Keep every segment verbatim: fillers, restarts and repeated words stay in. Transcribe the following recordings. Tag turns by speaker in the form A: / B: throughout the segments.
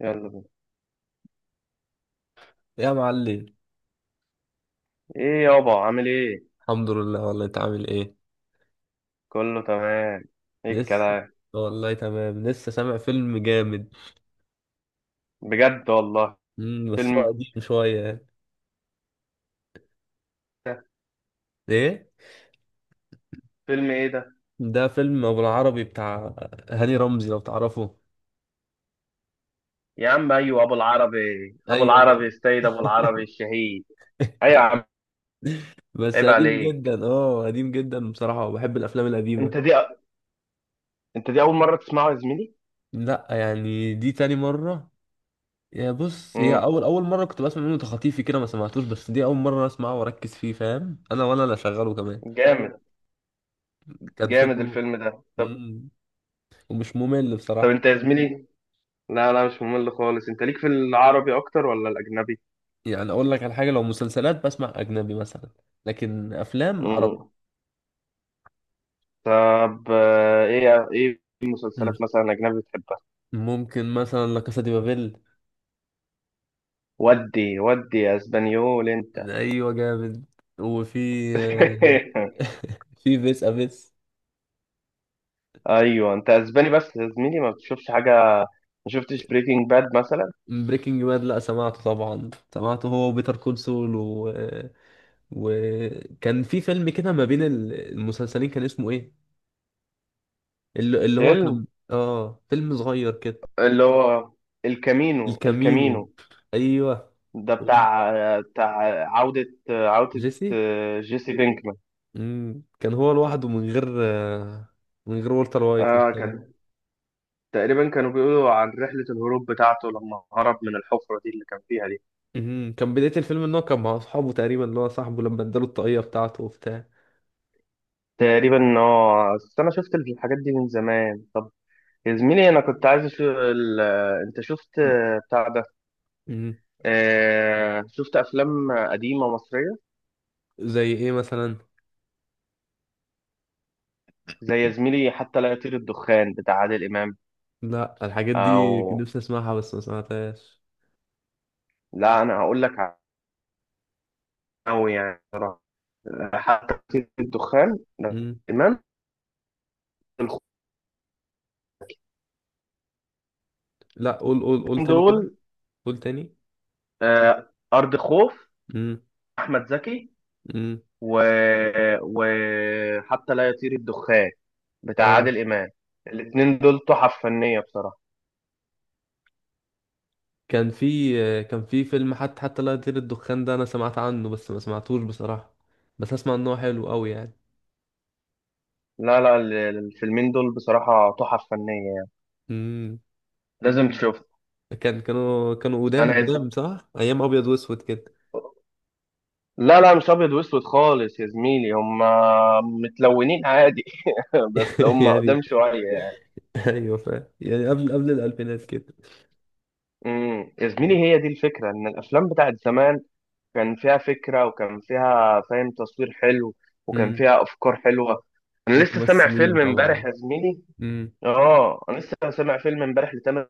A: يلا بينا.
B: يا معلم.
A: ايه يابا، عامل ايه؟
B: الحمد لله والله انت عامل ايه؟
A: كله تمام. ايه
B: لسه.
A: الكلام؟
B: والله تمام لسه سامع فيلم جامد.
A: بجد والله.
B: مم، بس هو
A: فيلم
B: قديم شوية يعني.
A: ده.
B: ايه.
A: فيلم ايه ده؟
B: ده فيلم ابو العربي بتاع هاني رمزي لو تعرفه.
A: يا عم، ايوه ابو العربي. ابو
B: ايوه
A: العربي،
B: والله.
A: السيد ابو العربي الشهيد. ايوه يا عم.
B: بس
A: عيب
B: قديم
A: عليك.
B: جدا، اه قديم جدا بصراحة، وبحب الافلام
A: انت
B: القديمة.
A: دي انت دي اول مره تسمعه يا زميلي؟
B: لا يعني دي تاني مرة. يا بص، هي
A: امم
B: اول اول مرة كنت بسمع منه تخاطيفي كده ما سمعتوش، بس دي اول مرة اسمعه واركز فيه فاهم انا ولا لا، شغاله كمان.
A: جامد،
B: كان
A: جامد
B: فيلم.
A: الفيلم ده. طب
B: مم، ومش ممل
A: طب
B: بصراحة.
A: انت يا زميلي. لا لا مش ممل خالص. انت ليك في العربي اكتر ولا الاجنبي؟
B: يعني اقول لك على حاجه، لو مسلسلات بسمع اجنبي مثلا، لكن افلام عربي.
A: امم طب آه، ايه ايه
B: مم.
A: المسلسلات مثلا اجنبي بتحبها؟
B: ممكن مثلا لا كاسا دي بابيل.
A: ودي ودي يا اسبانيول انت.
B: ايوه جامد. وفي في فيس افيس.
A: ايوه انت اسباني، بس يا زميلي ما بتشوفش حاجه؟ ما شفتش بريكنج باد مثلا؟
B: بريكنج باد، لا سمعته طبعا، سمعته هو وبيتر كول سول و... وكان في فيلم كده ما بين ال- المسلسلين، كان اسمه ايه؟ اللي, اللي هو كان
A: فيلم،
B: اه فيلم صغير كده.
A: اللي هو الكامينو
B: الكامينو.
A: الكامينو
B: ايوه.
A: ده بتاع بتاع عودة عودة
B: جيسي.
A: جيسي بينكمان.
B: مم. كان هو لوحده من غير آه، من غير والتر وايت
A: اه،
B: وبتاع.
A: كان تقريبا كانوا بيقولوا عن رحلة الهروب بتاعته لما هرب من الحفرة دي اللي كان فيها دي.
B: مم. كان بداية الفيلم ان هو كان مع اصحابه تقريبا، اللي هو صاحبه لما اداله الطاقية بتاعته وبتاع.
A: تقريبا اه بس انا شفت الحاجات دي من زمان يا زميلي. انا كنت عايز اشوف ال... انت شفت بتاع ده؟
B: مم.
A: آه، شفت أفلام قديمة مصرية.
B: زي ايه مثلا؟
A: زي يا زميلي حتى لا يطير الدخان، بتاع عادل إمام.
B: لا الحاجات دي كنت
A: أو.
B: نفسي اسمعها بس ما سمعتهاش.
A: لا أنا هقول لك أوي يعني صراحة. حتى لا يطير الدخان، عادل
B: مم.
A: إمام، الخوفين
B: لا، قول قول قول تاني
A: دول.
B: كده. قول تاني.
A: آه، أرض خوف،
B: مم.
A: أحمد زكي
B: مم.
A: و... وحتى لا يطير الدخان بتاع
B: اه.
A: عادل إمام. الاتنين دول تحف فنية بصراحة.
B: كان في آه، كان في فيلم حتى حتى لا يطير الدخان ده انا سمعت عنه بس ما سمعتوش بصراحة، بس اسمع ان هو حلو قوي يعني.
A: لا لا ال- الفيلمين دول بصراحة تحف فنية يعني.
B: مم.
A: لازم تشوف.
B: كان كانوا كانوا
A: أنا
B: قدام
A: عايز.
B: قدام صح، ايام ابيض واسود كده.
A: لا لا، مش ابيض واسود خالص يا زميلي، هم متلونين عادي. بس هم
B: يعني.
A: قدام شويه يعني.
B: ايوه فاهم، يعني قبل قبل الالفينات كده.
A: امم يا زميلي، هي دي الفكره ان الافلام بتاعت زمان كان فيها فكره، وكان فيها فاهم، تصوير حلو، وكان
B: امم.
A: فيها افكار حلوه. انا لسه سامع
B: وممثلين
A: فيلم امبارح
B: طبعا.
A: يا زميلي.
B: امم.
A: اه، انا لسه سامع فيلم امبارح لتامر،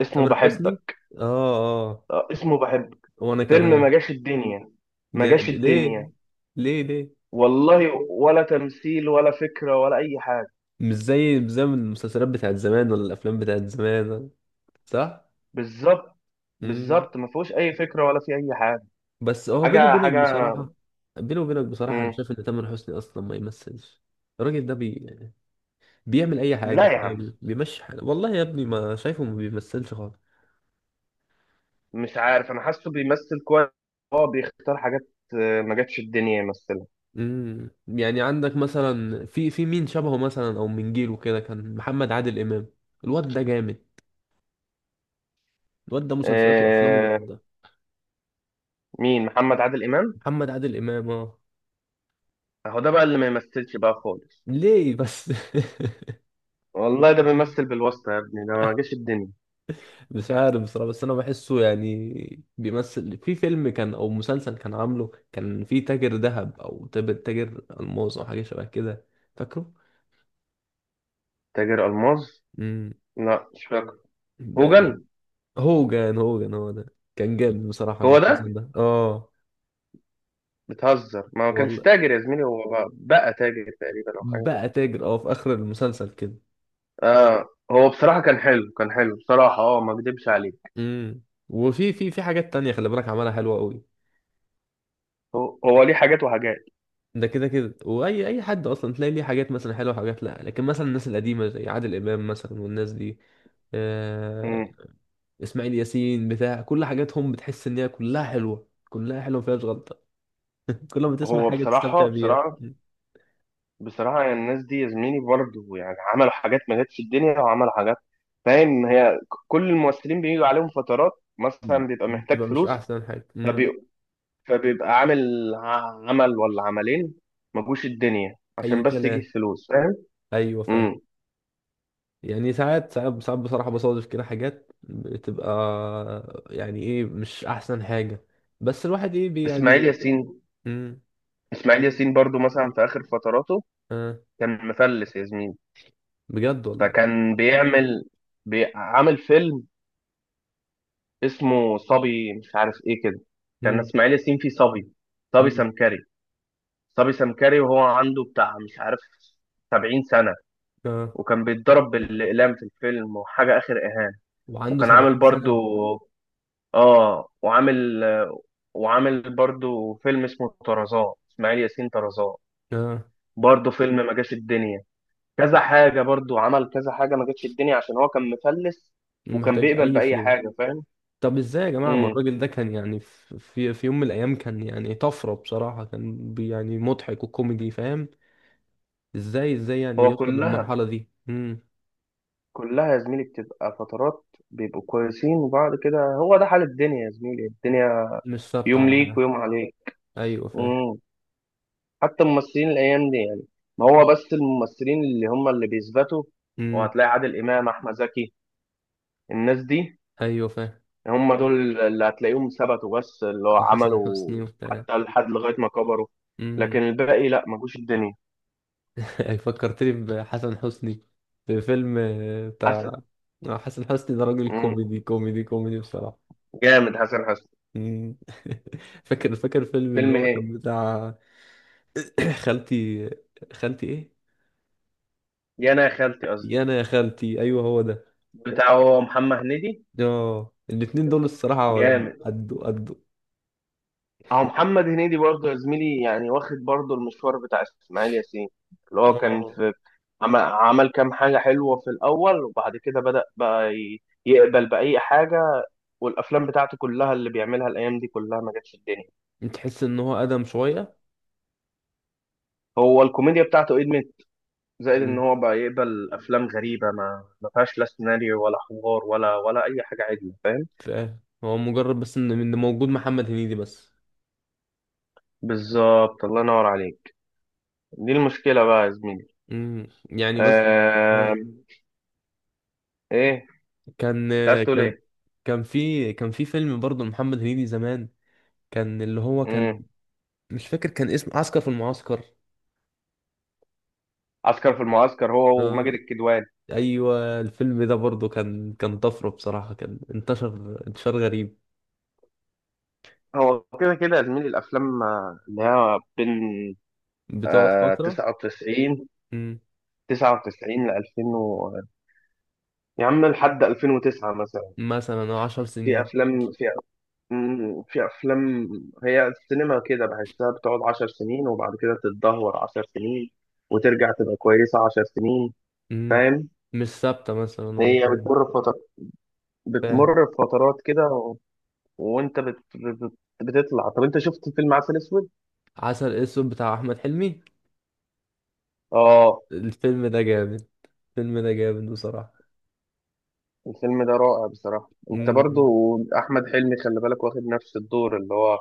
A: اسمه
B: تامر حسني.
A: بحبك.
B: اه اه.
A: آه، اسمه بحبك.
B: وانا
A: فيلم ما
B: كمان.
A: جاش الدنيا، ما جاش
B: جاد
A: الدنيا.
B: ليه ليه ليه.
A: والله، ولا تمثيل ولا فكره ولا اي حاجه.
B: مش زي مش زي من المسلسلات بتاعت زمان ولا الافلام بتاعت زمان. صح.
A: بالظبط.
B: امم.
A: بالظبط، ما فيهوش اي فكره، ولا في اي حاجه.
B: بس هو بينه
A: حاجه
B: وبينك
A: حاجه
B: بصراحه، بينه وبينك بصراحه انا
A: مم.
B: شايف ان تامر حسني اصلا ما يمثلش. الراجل ده بي بيعمل اي حاجه
A: لا يا عم،
B: فاهم، بيمشي حاله، والله يا ابني ما شايفه ما بيمثلش خالص.
A: مش عارف، انا حاسه بيمثل كويس. هو بيختار حاجات. آه، ما جاتش الدنيا يمثلها.
B: امم. يعني عندك مثلا، في في مين شبهه مثلا او من جيله كده، كان محمد عادل امام. الواد ده جامد، الواد ده مسلسلاته وافلامه
A: آه،
B: جامده.
A: مين محمد عادل امام؟
B: محمد عادل امام اه.
A: اهو ده بقى اللي ما يمثلش بقى خالص.
B: ليه بس؟
A: والله، ده بيمثل بالواسطه يا ابني، ده ما جاش الدنيا.
B: مش عارف بصراحه، بس انا بحسه. يعني بيمثل في فيلم كان او مسلسل كان عامله، كان في تاجر ذهب او تاجر تاجر الماس او حاجه شبه كده، فاكره؟
A: تاجر الماظ. لا، مش فاكر.
B: امم.
A: هوجل.
B: هوجن هوجن هو ده. كان جامد بصراحة
A: هو ده.
B: المسلسل ده اه.
A: بتهزر، ما هو كانش
B: والله
A: تاجر يا زميلي، هو بقى, بقى تاجر تقريبا، او حاجه كده.
B: بقى تاجر اه في آخر المسلسل كده.
A: اه هو بصراحه كان حلو، كان حلو بصراحه، اه ما اكدبش عليه.
B: امم. وفي في في حاجات تانية خلي بالك عملها حلوة قوي.
A: هو هو ليه حاجات وحاجات.
B: ده كده كده، واي اي حد اصلا تلاقي ليه حاجات مثلا حلوه وحاجات لا، لكن مثلا الناس القديمه زي عادل امام مثلا والناس دي، آه،
A: مم.
B: اسماعيل ياسين بتاع كل حاجاتهم بتحس ان هي كلها حلوه كلها حلوه ما فيهاش غلطه. كل ما تسمع
A: هو
B: حاجه
A: بصراحة
B: تستمتع بيها
A: بصراحة
B: م-
A: بصراحة، يعني الناس دي يا زميلي برضه، يعني عملوا حاجات ما جاتش في الدنيا، وعملوا حاجات. فاهم، هي ك- كل الممثلين بيجوا عليهم فترات.
B: م-
A: مثلا بيبقى محتاج
B: بتبقى مش
A: فلوس،
B: احسن حاجه م.
A: فبي... فبيبقى عامل ع- عمل ولا عملين ما جوش الدنيا عشان
B: اي
A: بس يجيب
B: كلام.
A: فلوس، فاهم؟
B: ايوه فاهم.
A: مم.
B: يعني ساعات ساعات ساعات بصراحة بصادف كده حاجات بتبقى يعني ايه مش احسن حاجة، بس الواحد ايه بي يعني
A: اسماعيل
B: بي
A: ياسين.
B: مم.
A: اسماعيل ياسين برضه مثلا في آخر فتراته
B: آه.
A: كان مفلس يا زميلي.
B: بجد والله.
A: فكان بيعمل، بي... عامل فيلم اسمه صبي، مش عارف ايه كده. كان
B: مم.
A: اسماعيل ياسين فيه صبي. صبي
B: مم.
A: سمكري. صبي سمكري، وهو عنده بتاع مش عارف سبعين سنة.
B: آه.
A: وكان بيتضرب بالإقلام في الفيلم، وحاجة آخر إهانة.
B: وعنده
A: وكان عامل
B: سبعين
A: برضو
B: سنة.
A: آه وعامل وعامل برضو فيلم اسمه طرزان، إسماعيل ياسين طرزان.
B: آه.
A: برضو فيلم ما جاش الدنيا. كذا حاجة برضو، عمل كذا حاجة ما جاتش الدنيا عشان هو كان مفلس. وكان
B: ومحتاج
A: بيقبل
B: اي
A: بأي
B: فلوس.
A: حاجة، فاهم؟
B: طب ازاي يا جماعة؟ ما
A: امم
B: الراجل ده كان يعني، في في في يوم من الايام كان يعني طفرة بصراحة، كان بي يعني مضحك وكوميدي فاهم. ازاي ازاي يعني
A: هو
B: يوصل
A: كلها،
B: للمرحلة دي؟ مم.
A: كلها يا زميلي بتبقى فترات. بيبقوا كويسين، وبعد كده هو ده حال الدنيا يا زميلي، الدنيا
B: مش ثابت
A: يوم
B: على
A: ليك
B: حاجة.
A: ويوم عليك.
B: ايوه فاهم.
A: امم حتى الممثلين الايام دي يعني. ما هو بس الممثلين اللي هم اللي بيثبتوا.
B: مم.
A: وهتلاقي عادل امام، احمد زكي، الناس دي
B: ايوه فاهم.
A: هم دول اللي هتلاقيهم ثبتوا، بس اللي هو
B: وحسن
A: عملوا
B: حسني وبتاع.
A: حتى لحد لغايه ما كبروا. لكن
B: امم.
A: الباقي، لا، ما جوش الدنيا.
B: فكرتني بحسن حسني. في فيلم آه، بتاع،
A: حسن.
B: آه، حسن حسني ده راجل
A: امم
B: كوميدي كوميدي كوميدي بصراحة.
A: جامد حسن حسن.
B: مم. فاكر فاكر فيلم اللي
A: فيلم
B: هو كان
A: ايه؟
B: بتاع خالتي. خالتي ايه؟
A: يا انا يا خالتي، قصدي
B: يا انا يا خالتي. ايوه هو ده.
A: بتاع، هو محمد هنيدي.
B: اه الاتنين دول الصراحة
A: جامد.
B: قدوا قدوا.
A: اهو محمد هنيدي برضه يا زميلي، يعني واخد برضه المشوار بتاع اسماعيل ياسين، اللي هو كان
B: اه
A: في. عمل, عمل كام حاجة حلوة في الأول، وبعد كده بدأ بقى ي- يقبل بأي حاجة. والأفلام بتاعته كلها اللي بيعملها الأيام دي كلها ما جاتش الدنيا.
B: تحس ان هو ادم شوية.
A: هو الكوميديا بتاعته قدمت. زائد إن
B: مم.
A: هو بقى يقبل أفلام غريبة، ما ما فيهاش لا سيناريو ولا حوار ولا ولا أي حاجة عدلة، فاهم؟
B: ف- هو مجرد بس ان إن موجود محمد هنيدي بس.
A: بالظبط، الله ينور عليك. دي المشكلة بقى يا زميلي.
B: مم. يعني بس. آه.
A: آه... إيه
B: كان
A: أنت عايز تقول
B: كان كان في كان في فيلم برضه محمد هنيدي زمان، كان اللي هو كان،
A: إيه؟
B: مش فاكر، كان اسم عسكر في المعسكر.
A: عسكر في المعسكر، هو وماجد
B: آه.
A: الكدواني.
B: ايوه الفيلم ده برضه كان كان طفره بصراحه كان انتشر انتشار غريب،
A: هو كده كده يا زميلي، الافلام آه، اللي هي بين
B: بتقعد فتره.
A: آه
B: مم.
A: 99 99 ل ألفين و... يا عم لحد ألفين وتسعة مثلا.
B: مثلا آه، عشر
A: في
B: سنين
A: افلام، في مم، في افلام، هي السينما كده، بحسها بتقعد 10 سنين، وبعد كده تتدهور 10 سنين، وترجع تبقى كويسة 10 سنين،
B: مم.
A: فاهم؟
B: مش ثابته مثلا ولا
A: هي
B: حاجه.
A: بتمر بفترات،
B: فاهم.
A: بتمر بفترات كده و... وانت بت... بت... بتطلع. طب انت شفت فيلم عسل اسود؟
B: عسل اسود بتاع احمد حلمي،
A: اه،
B: الفيلم ده جامد، الفيلم ده جامد بصراحه.
A: الفيلم ده رائع بصراحة، انت برضو.
B: مم.
A: احمد حلمي، خلي بالك واخد نفس الدور اللي هو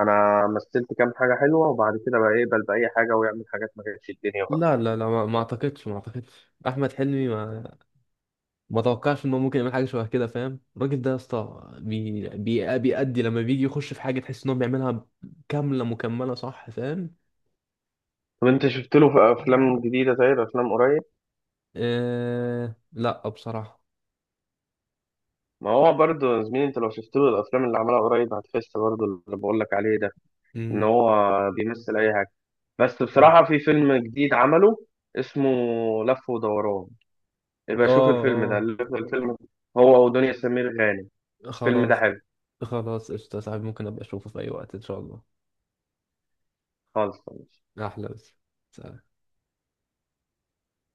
A: انا مثلت كام حاجة حلوة، وبعد كده بقى يقبل بأي حاجة، ويعمل حاجات ما كانتش الدنيا بقى.
B: لا لا لا، ما ما اعتقدش، ما اعتقدش احمد حلمي، ما ما توقعش انه ممكن يعمل حاجه شبه كده فاهم. الراجل ده يا اسطى بي... بي... بيأدي، لما بيجي يخش في حاجه تحس انه بيعملها كامله مكمله صح فاهم.
A: طب انت شفت له في افلام جديدة، طيب افلام قريب؟
B: آه... لا بصراحه.
A: ما هو برضو يا زميلي، انت لو شفت له الافلام اللي عملها قريب هتحس برضو اللي بقول لك عليه ده، ان
B: امم.
A: هو بيمثل اي حاجة. بس
B: اه
A: بصراحة في فيلم جديد عمله، اسمه لف ودوران، يبقى شوف الفيلم ده.
B: اه.
A: الفيلم هو ودنيا سمير غانم. الفيلم ده
B: خلاص.
A: حلو.
B: خلاص قشطه يا صاحبي، ممكن ابقى اشوفه في اي وقت ان شاء الله.
A: خالص.
B: احلى بس. سلام.